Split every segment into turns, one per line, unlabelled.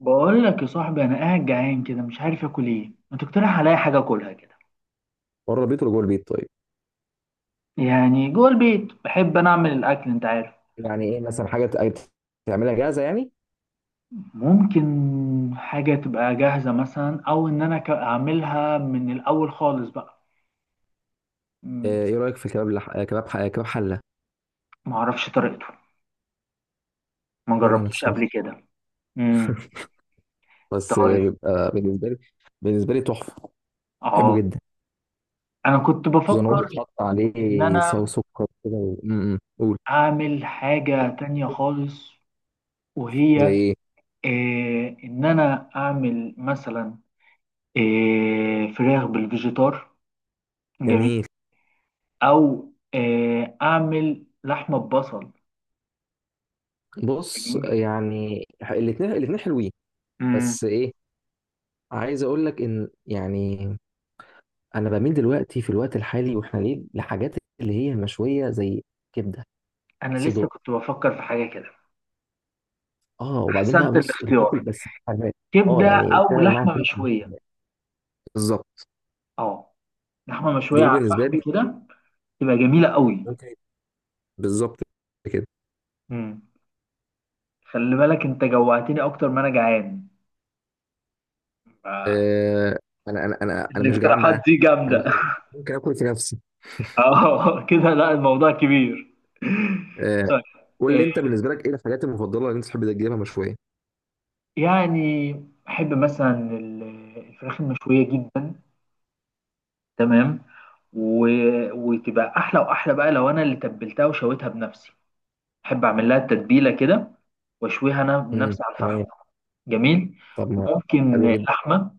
بقول لك يا صاحبي، انا قاعد جعان كده مش عارف اكل ايه. ما تقترح عليا حاجه اكلها كده؟
بره البيت ولا جوه البيت؟ طيب،
يعني جوه البيت بحب انا اعمل الاكل انت عارف.
يعني ايه مثلا حاجه تعملها جاهزه يعني؟
ممكن حاجه تبقى جاهزه مثلا، او ان انا اعملها من الاول خالص بقى. مم.
ايه رايك في كباب لح... آه، كباب ح... آه، كباب حله؟
ما اعرفش طريقته، ما
ولا انا
جربتوش
الصراحه.
قبل كده. امم
بس
طيب.
بيبقى بالنسبه لي تحفه، بحبه
اه،
جدا.
انا كنت
خصوصا ان هو
بفكر
بيتحط
ان
عليه صو
انا
سكر كده و... م- م. قول.
اعمل حاجه تانية خالص،
زي
وهي
ايه؟
إيه؟ ان انا اعمل مثلا إيه، فراخ بالفيجيتار. جميل.
جميل.
او اعمل لحمه ببصل.
بص
جميل.
يعني الاثنين حلوين.
مم.
بس ايه، عايز اقول لك ان يعني انا بميل دلوقتي في الوقت الحالي واحنا ليه لحاجات اللي هي مشويه، زي كبده.
انا لسه
صدق.
كنت بفكر في حاجه كده.
اه، وبعدين بقى
احسنت
بص الفلفل
الاختيار،
بس حراق. اه
كبده
يعني
او
تعمل معاها
لحمه
فلفل مش
مشويه.
حراق. بالظبط.
اه، لحمه مشويه
دول
على
بالنسبه
الفحم
لي
كده تبقى جميله قوي.
ممكن يبقى- بالظبط كده.
مم. خلي بالك انت جوعتني اكتر ما انا جعان. آه،
آه، انا مش جعان
الاقتراحات
بقى.
دي
انا
جامده
ممكن اكل في نفسي.
اه، كده لا، الموضوع كبير.
آه،
طيب.
قول لي
آه،
انت بالنسبه لك ايه الحاجات المفضله اللي انت تحب تجيبها مشويه؟
يعني احب مثلا الفراخ المشويه جدا. تمام. و... وتبقى احلى واحلى بقى لو انا اللي تبلتها وشويتها بنفسي. احب اعمل لها التتبيله كده، واشويها انا
امم،
بنفسي على الفحم.
تمام.
جميل.
طب ما، حلو
وممكن
جدا.
لحمه.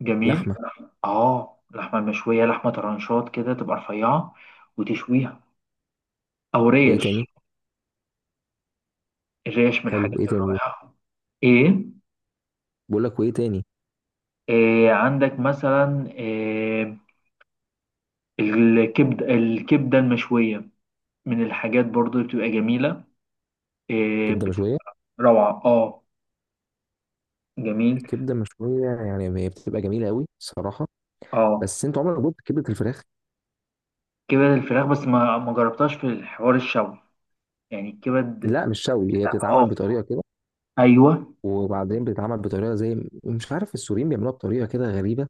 جميل.
لحمه.
اه، اللحمه المشويه، لحمه طرنشات كده تبقى رفيعه وتشويها. او
وايه
ريش.
تاني؟
الريش من
حلو، وايه
الحاجات
تاني؟
الرائعه. ايه،
بقول لك وايه تاني؟
إيه عندك مثلا؟ إيه الكبد، الكبده المشويه، من الحاجات برضو اللي بتبقى جميله. إيه
كبده مشويه.
روعه. اه، جميل.
كبده مشويه، يعني هي بتبقى جميله قوي صراحه.
اه،
بس انت عمرك جبت كبده الفراخ؟
كبد الفراخ، بس ما جربتهاش في الحوار الشوي. يعني الكبد
لا مش شوي، هي
بتاع،
بتتعمل
اه،
بطريقه كده.
ايوه.
وبعدين بتتعمل بطريقه زي، مش عارف، السوريين بيعملوها بطريقه كده غريبه،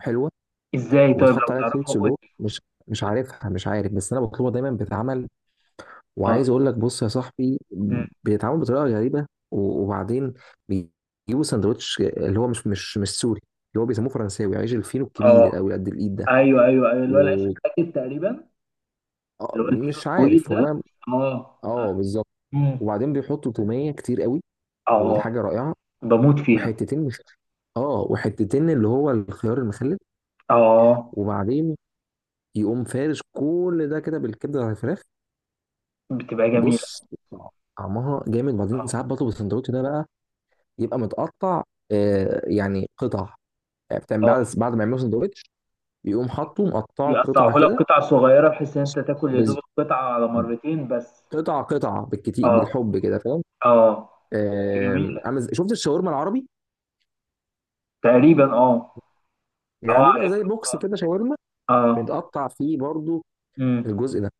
حلوه.
ازاي؟ طيب
وبتحط
لو
عليها كول
تعرفها قول
سلو،
لي.
مش مش عارفها. مش عارف بس انا بطلبها دايما بتتعمل.
اه.
وعايز اقول لك بص يا صاحبي،
مم.
بيتعمل بطريقه غريبه. وبعدين بيجيبوا سندوتش اللي هو مش مش مش سوري، اللي هو بيسموه فرنساوي، عيش الفينو
اه،
الكبير قوي قد الايد ده.
ايوه ايوه ايوه، اللي هو العيش الراكب تقريبا. اللي هو الفينو
ومش
الطويل
عارف
ده.
والله.
اه
اه
عارف.
بالظبط.
مم.
وبعدين بيحطوا توميه كتير قوي، ودي
اه،
حاجه رائعه.
بموت فيها.
وحتتين مش اه، وحتتين اللي هو الخيار المخلل.
اه،
وبعدين يقوم فارش كل ده كده بالكبده على الفراخ.
بتبقى جميله.
بص طعمها جامد. بعدين
اه.
ساعات بطلب السندوتش ده بقى يبقى متقطع. آه يعني قطع، يعني
اه،
بعد ما يعملوا سندوتش يقوم حاطه مقطعه
يقطعه
قطع
لك
كده.
قطع صغيره بحيث ان انت تاكل يا دوب
بز...
القطعه على مرتين بس.
قطع قطع بالكتير
اه.
بالحب كده، فاهم؟
اه،
آم،
جميله
عامل شفت الشاورما العربي؟
تقريبا. اه.
يعني
اه
بيبقى
عارفها.
زي بوكس
آه.
كده شاورما،
اه.
متقطع فيه برضو
امم.
الجزء ده.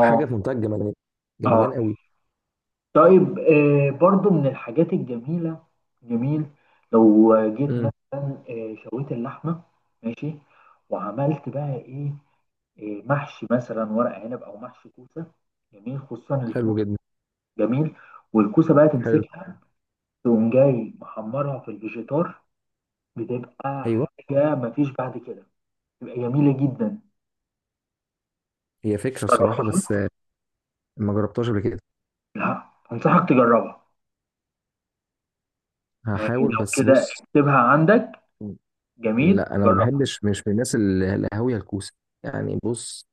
حاجه في منتهى الجمدان، جمدان
اه.
قوي.
طيب، برضو من الحاجات الجميلة. جميل. لو جيت
امم،
مثلا شويت اللحمة، ماشي، وعملت بقى ايه؟ محشي مثلا ورق عنب او محشي كوسة. جميل خصوصا الكوسة.
حلو جدا.
جميل. والكوسة بقى
حلو،
تمسكها، تقوم جاي محمرها في الفيجيتار، بتبقى
ايوه.
حاجة مفيش بعد كده. بتبقى جميلة جدا.
هي فكره الصراحه بس
جربتها؟
ما جربتهاش قبل كده.
لا، أنصحك تجربها. يعني
هحاول
لو
بس
كده
بص،
اكتبها عندك، جميل
لا انا ما
وجربها.
بحبش، مش من الناس القهاويه الكوسه يعني. بص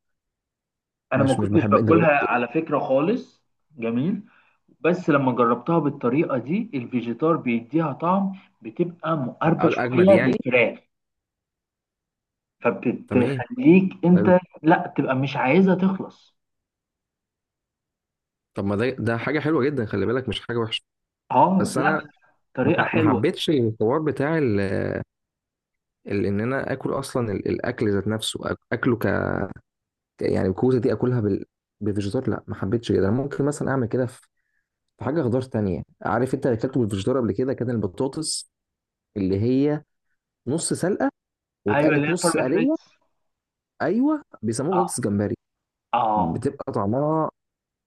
انا ما
مش مش
كنتش
بحب. انت
باكلها
جربت؟
على فكرة خالص. جميل. بس لما جربتها بالطريقة دي، الفيجيتار بيديها طعم. بتبقى مقربة
اجمد
شوية
يعني.
للفراخ،
تمام،
فبتخليك
حلو.
انت لا تبقى مش عايزها تخلص.
طب ما ده، حاجه حلوه جدا خلي بالك، مش حاجه وحشه.
اه،
بس
لا،
انا
طريقة
ما
حلوة.
حبيتش الحوار بتاع ان انا اكل اصلا الاكل ذات نفسه اكله ك، يعني الكوسه دي اكلها بفيجيتار، لا ما حبيتش كده. أنا ممكن مثلا اعمل كده في حاجة خضار تانية. عارف انت اللي اكلته بالفشدار قبل كده كان البطاطس، اللي هي نص سلقة
ايوه اللي
واتقلت
هي
نص
الفارم
قلية.
فريتس.
ايوه بيسموها
اه.
بطاطس جمبري.
اه.
بتبقى طعمها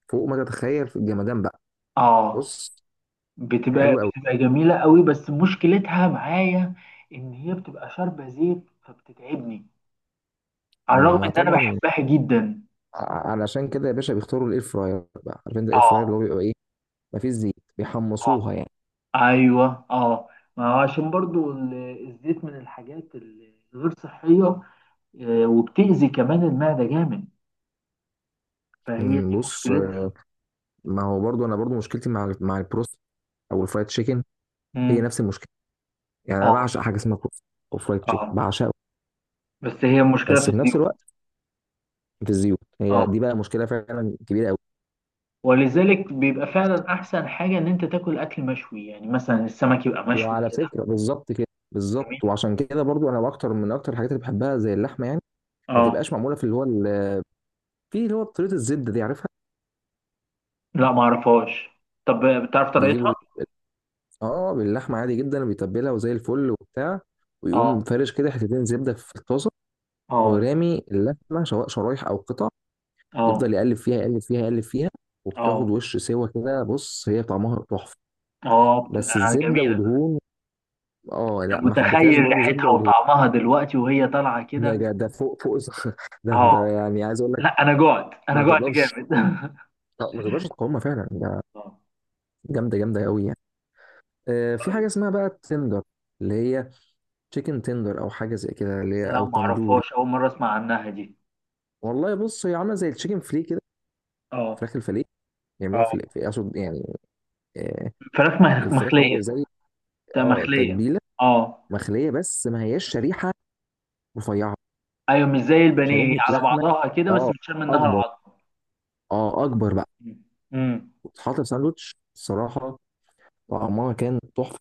فوق ما تتخيل في الجمدان بقى.
اه،
بص،
بتبقى
حلو قوي.
بتبقى جميلة قوي، بس مشكلتها معايا ان هي بتبقى شاربة زيت فبتتعبني، على الرغم
اما
ان انا
طبعا،
بحبها جدا.
علشان كده يا باشا بيختاروا الاير فراير بقى. عارف انت الاير فراير اللي
اه.
هو بيبقى ايه؟ مفيش زيت،
اه.
بيحمصوها يعني.
ايوه. اه. ما هو عشان برضو الزيت من الحاجات الغير صحيه، وبتأذي كمان المعده جامد، فهي دي
بص،
مشكلتها.
ما هو برضو انا برضو مشكلتي مع مع البروست او الفرايد تشيكن، هي
امم.
نفس المشكلة. يعني انا
اه.
بعشق حاجة اسمها بروست او فرايد تشيكن،
اه.
بعشقه.
بس هي مشكله
بس
في
في نفس
الزيوت.
الوقت في الزيوت، هي دي
اه.
بقى مشكله فعلا كبيره قوي.
ولذلك بيبقى فعلا احسن حاجه ان انت تاكل اكل مشوي، يعني مثلا السمك يبقى مشوي
وعلى
كده.
فكره بالظبط كده،
جميل.
بالظبط. وعشان كده برضو انا اكتر من اكتر الحاجات اللي بحبها زي اللحمه يعني، ما
اه.
تبقاش معموله في اللي هو في اللي هو طريقه الزبده دي، عارفها؟
لا ما اعرفهاش. طب بتعرف
بيجيبوا
طريقتها؟
اه، باللحمه عادي جدا بيتبلها وزي الفل وبتاع، ويقوم
اه.
فارش كده حتتين زبده في الطاسه،
اه.
ورامي اللحمه سواء شرايح او قطع،
اه.
يفضل يقلب فيها، وبتاخد
اه.
وش سوا كده. بص هي طعمها تحفه،
اه.
بس
بتبقى
الزبده
جميله.
ودهون. اه
أنا
لا، ما حبيتهاش
متخيل
برضو، زبده
ريحتها
ودهون.
وطعمها دلوقتي وهي طالعه كده.
ده فوق فوق. ده ده
اه.
يعني عايز اقول لك،
لا انا جوعت، انا
ما
جوعت
تقدرش،
جامد
ما تقدرش تقاومها فعلا ده.
اه.
جامده، جامده قوي يعني. في حاجه
طيب.
اسمها بقى التندر، اللي هي تشيكن تندر او حاجه زي كده، اللي هي
لا
او
ما
تندوري.
اعرفهاش، اول مره اسمع عنها دي.
والله بص، هي عامله زي التشيكن فلي كده،
اه.
فراخ الفلي. يعملوها
اه
اقصد يعني، آه،
فراخ
الفراخ
مخليه.
معموله زي،
ده
اه،
مخليه.
تتبيله.
اه.
مخليه بس ما هياش شريحه رفيعه،
ايوه مش زي البانيه، هي
شريحه
على
لحمه،
بعضها كده بس
اه
بتشال منها
اكبر،
العظم.
اه اكبر بقى.
مم. امم.
وتتحط في ساندوتش الصراحه، طعمها كان تحفة.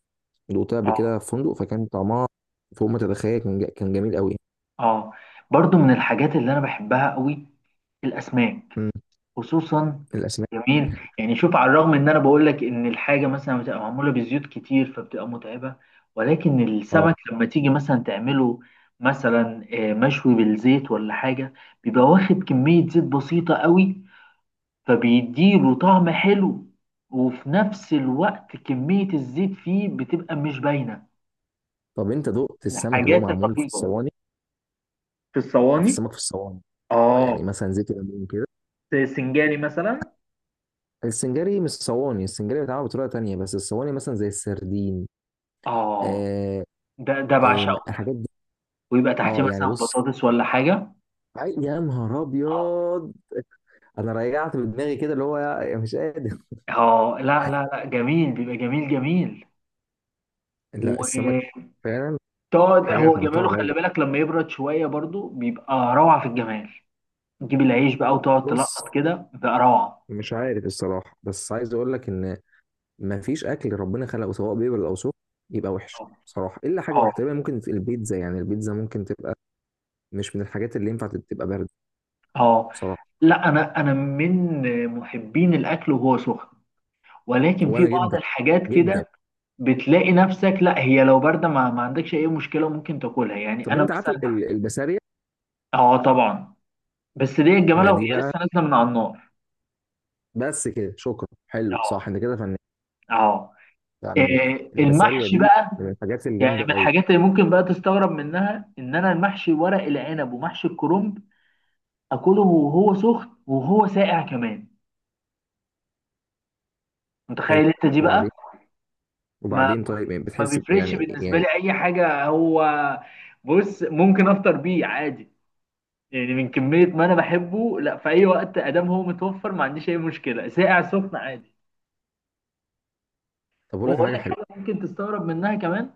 دوقتها قبل
اه.
كده في فندق فكان طعمها فوق ما تتخيل، كان جميل قوي.
اه. برضو من الحاجات اللي انا بحبها قوي، الاسماك.
امم،
خصوصا.
الاسماك.
جميل. يعني شوف، على الرغم ان انا بقول لك ان الحاجه مثلا بتبقى معموله بزيوت كتير فبتبقى متعبه، ولكن
اه.
السمك لما تيجي مثلا تعمله مثلا مشوي بالزيت ولا حاجه، بيبقى واخد كميه زيت بسيطه قوي، فبيديله طعم حلو. وفي نفس الوقت كميه الزيت فيه بتبقى مش باينه.
طب انت دقت السمك اللي هو
الحاجات
معمول في
الرهيبه
الصواني؟
في
عارف
الصواني.
السمك في الصواني؟ اه، يعني
اه،
مثلا زيت الليمون كده.
زي السنجاري مثلا.
السنجاري مش صواني، السنجاري بيتعمل بطريقه تانية، بس الصواني مثلا زي السردين.
اه،
آه،
ده ده
آه،
بعشقه.
الحاجات دي.
ويبقى تحتيه
اه يعني
مثلا
بص،
بطاطس ولا حاجة.
يا نهار
اه.
ابيض، انا رجعت بدماغي كده اللي هو يا مش قادر.
اه لا لا لا، جميل بيبقى جميل جميل.
لا السمك
وتقعد.
فعلا حاجه
هو
في منتهى
جماله خلي
الروعه.
بالك لما يبرد شوية برضو بيبقى روعة في الجمال، تجيب العيش بقى وتقعد
بص،
تلقط كده بيبقى روعة.
مش عارف الصراحة، بس عايز اقول لك ان مفيش اكل ربنا خلقه سواء بيبل او سخن يبقى وحش بصراحة، الا حاجة
اه.
واحدة تقريبا ممكن، في البيتزا يعني. البيتزا ممكن تبقى مش من الحاجات اللي ينفع تبقى باردة
اه،
بصراحة.
لا انا من محبين الاكل وهو سخن، ولكن في
وانا
بعض
جدا
الحاجات
جدا.
كده بتلاقي نفسك لا، هي لو بارده ما عندكش اي مشكله ممكن تاكلها، يعني
طب
انا
انت عارف
مثلا.
البسارية؟
اه طبعا. بس دي الجماله
دي
وهي
بقى،
لسه نازله من على النار.
بس كده شكرا حلو صح
اه.
انت كده فنان
اه.
يعني.
إيه،
البسارية
المحشي
دي
بقى،
من الحاجات
يعني
الجامدة
من
قوي.
الحاجات اللي ممكن بقى تستغرب منها ان انا المحشي ورق العنب ومحشي الكرنب اكله وهو سخن وهو ساقع كمان.
حلو.
متخيل انت دي بقى؟
وبعدين،
ما
وبعدين طيب، يعني
ما
بتحس
بيفرقش
يعني،
بالنسبه
يعني
لي اي حاجه هو. بص ممكن افطر بيه عادي، يعني من كميه ما انا بحبه. لا، في اي وقت ادام هو متوفر ما عنديش اي مشكله، ساقع سخن عادي.
طب اقول لك على
واقول
حاجة
لك
حلوة.
حاجه ممكن تستغرب منها كمان: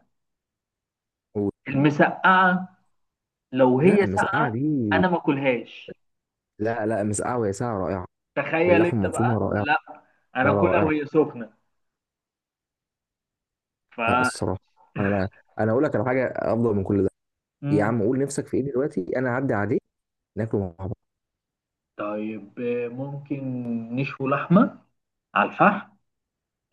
قول.
المسقعه لو
لا
هي
المسقعة
ساقعه
دي،
انا ما اكلهاش.
لا لا، مسقعة وهي ساعة رائعة،
تخيل
باللحمه
انت
المفرومه
بقى.
رائعه.
لا
لا
انا
لا
كلها
رائعه.
وهي سخنه. ف
لا الصراحه، انا انا اقول لك على حاجه افضل من كل ده. يا
امم
عم قول نفسك في ايه دلوقتي، انا هعدي عليك ناكله مع بعض.
طيب، ممكن نشوي لحمه على الفحم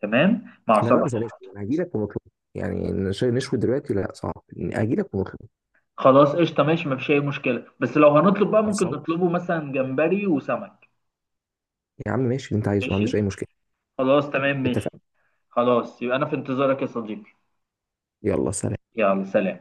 تمام مع
احنا بقى مش
سلطه.
هنشوي، انا هجي لك ونطلب. يعني نشوي دلوقتي لا صعب، هجي لك ونطلب.
خلاص قشطه ماشي، مفيش اي مشكله، بس لو هنطلب بقى ممكن
خلصان.
نطلبه مثلا جمبري وسمك.
يا عم ماشي اللي انت عايزه، ما عنديش
ماشي.
اي مشكله.
خلاص تمام ماشي.
اتفقنا.
خلاص يبقى انا في انتظارك يا صديقي.
يلا سلام.
يلا سلام.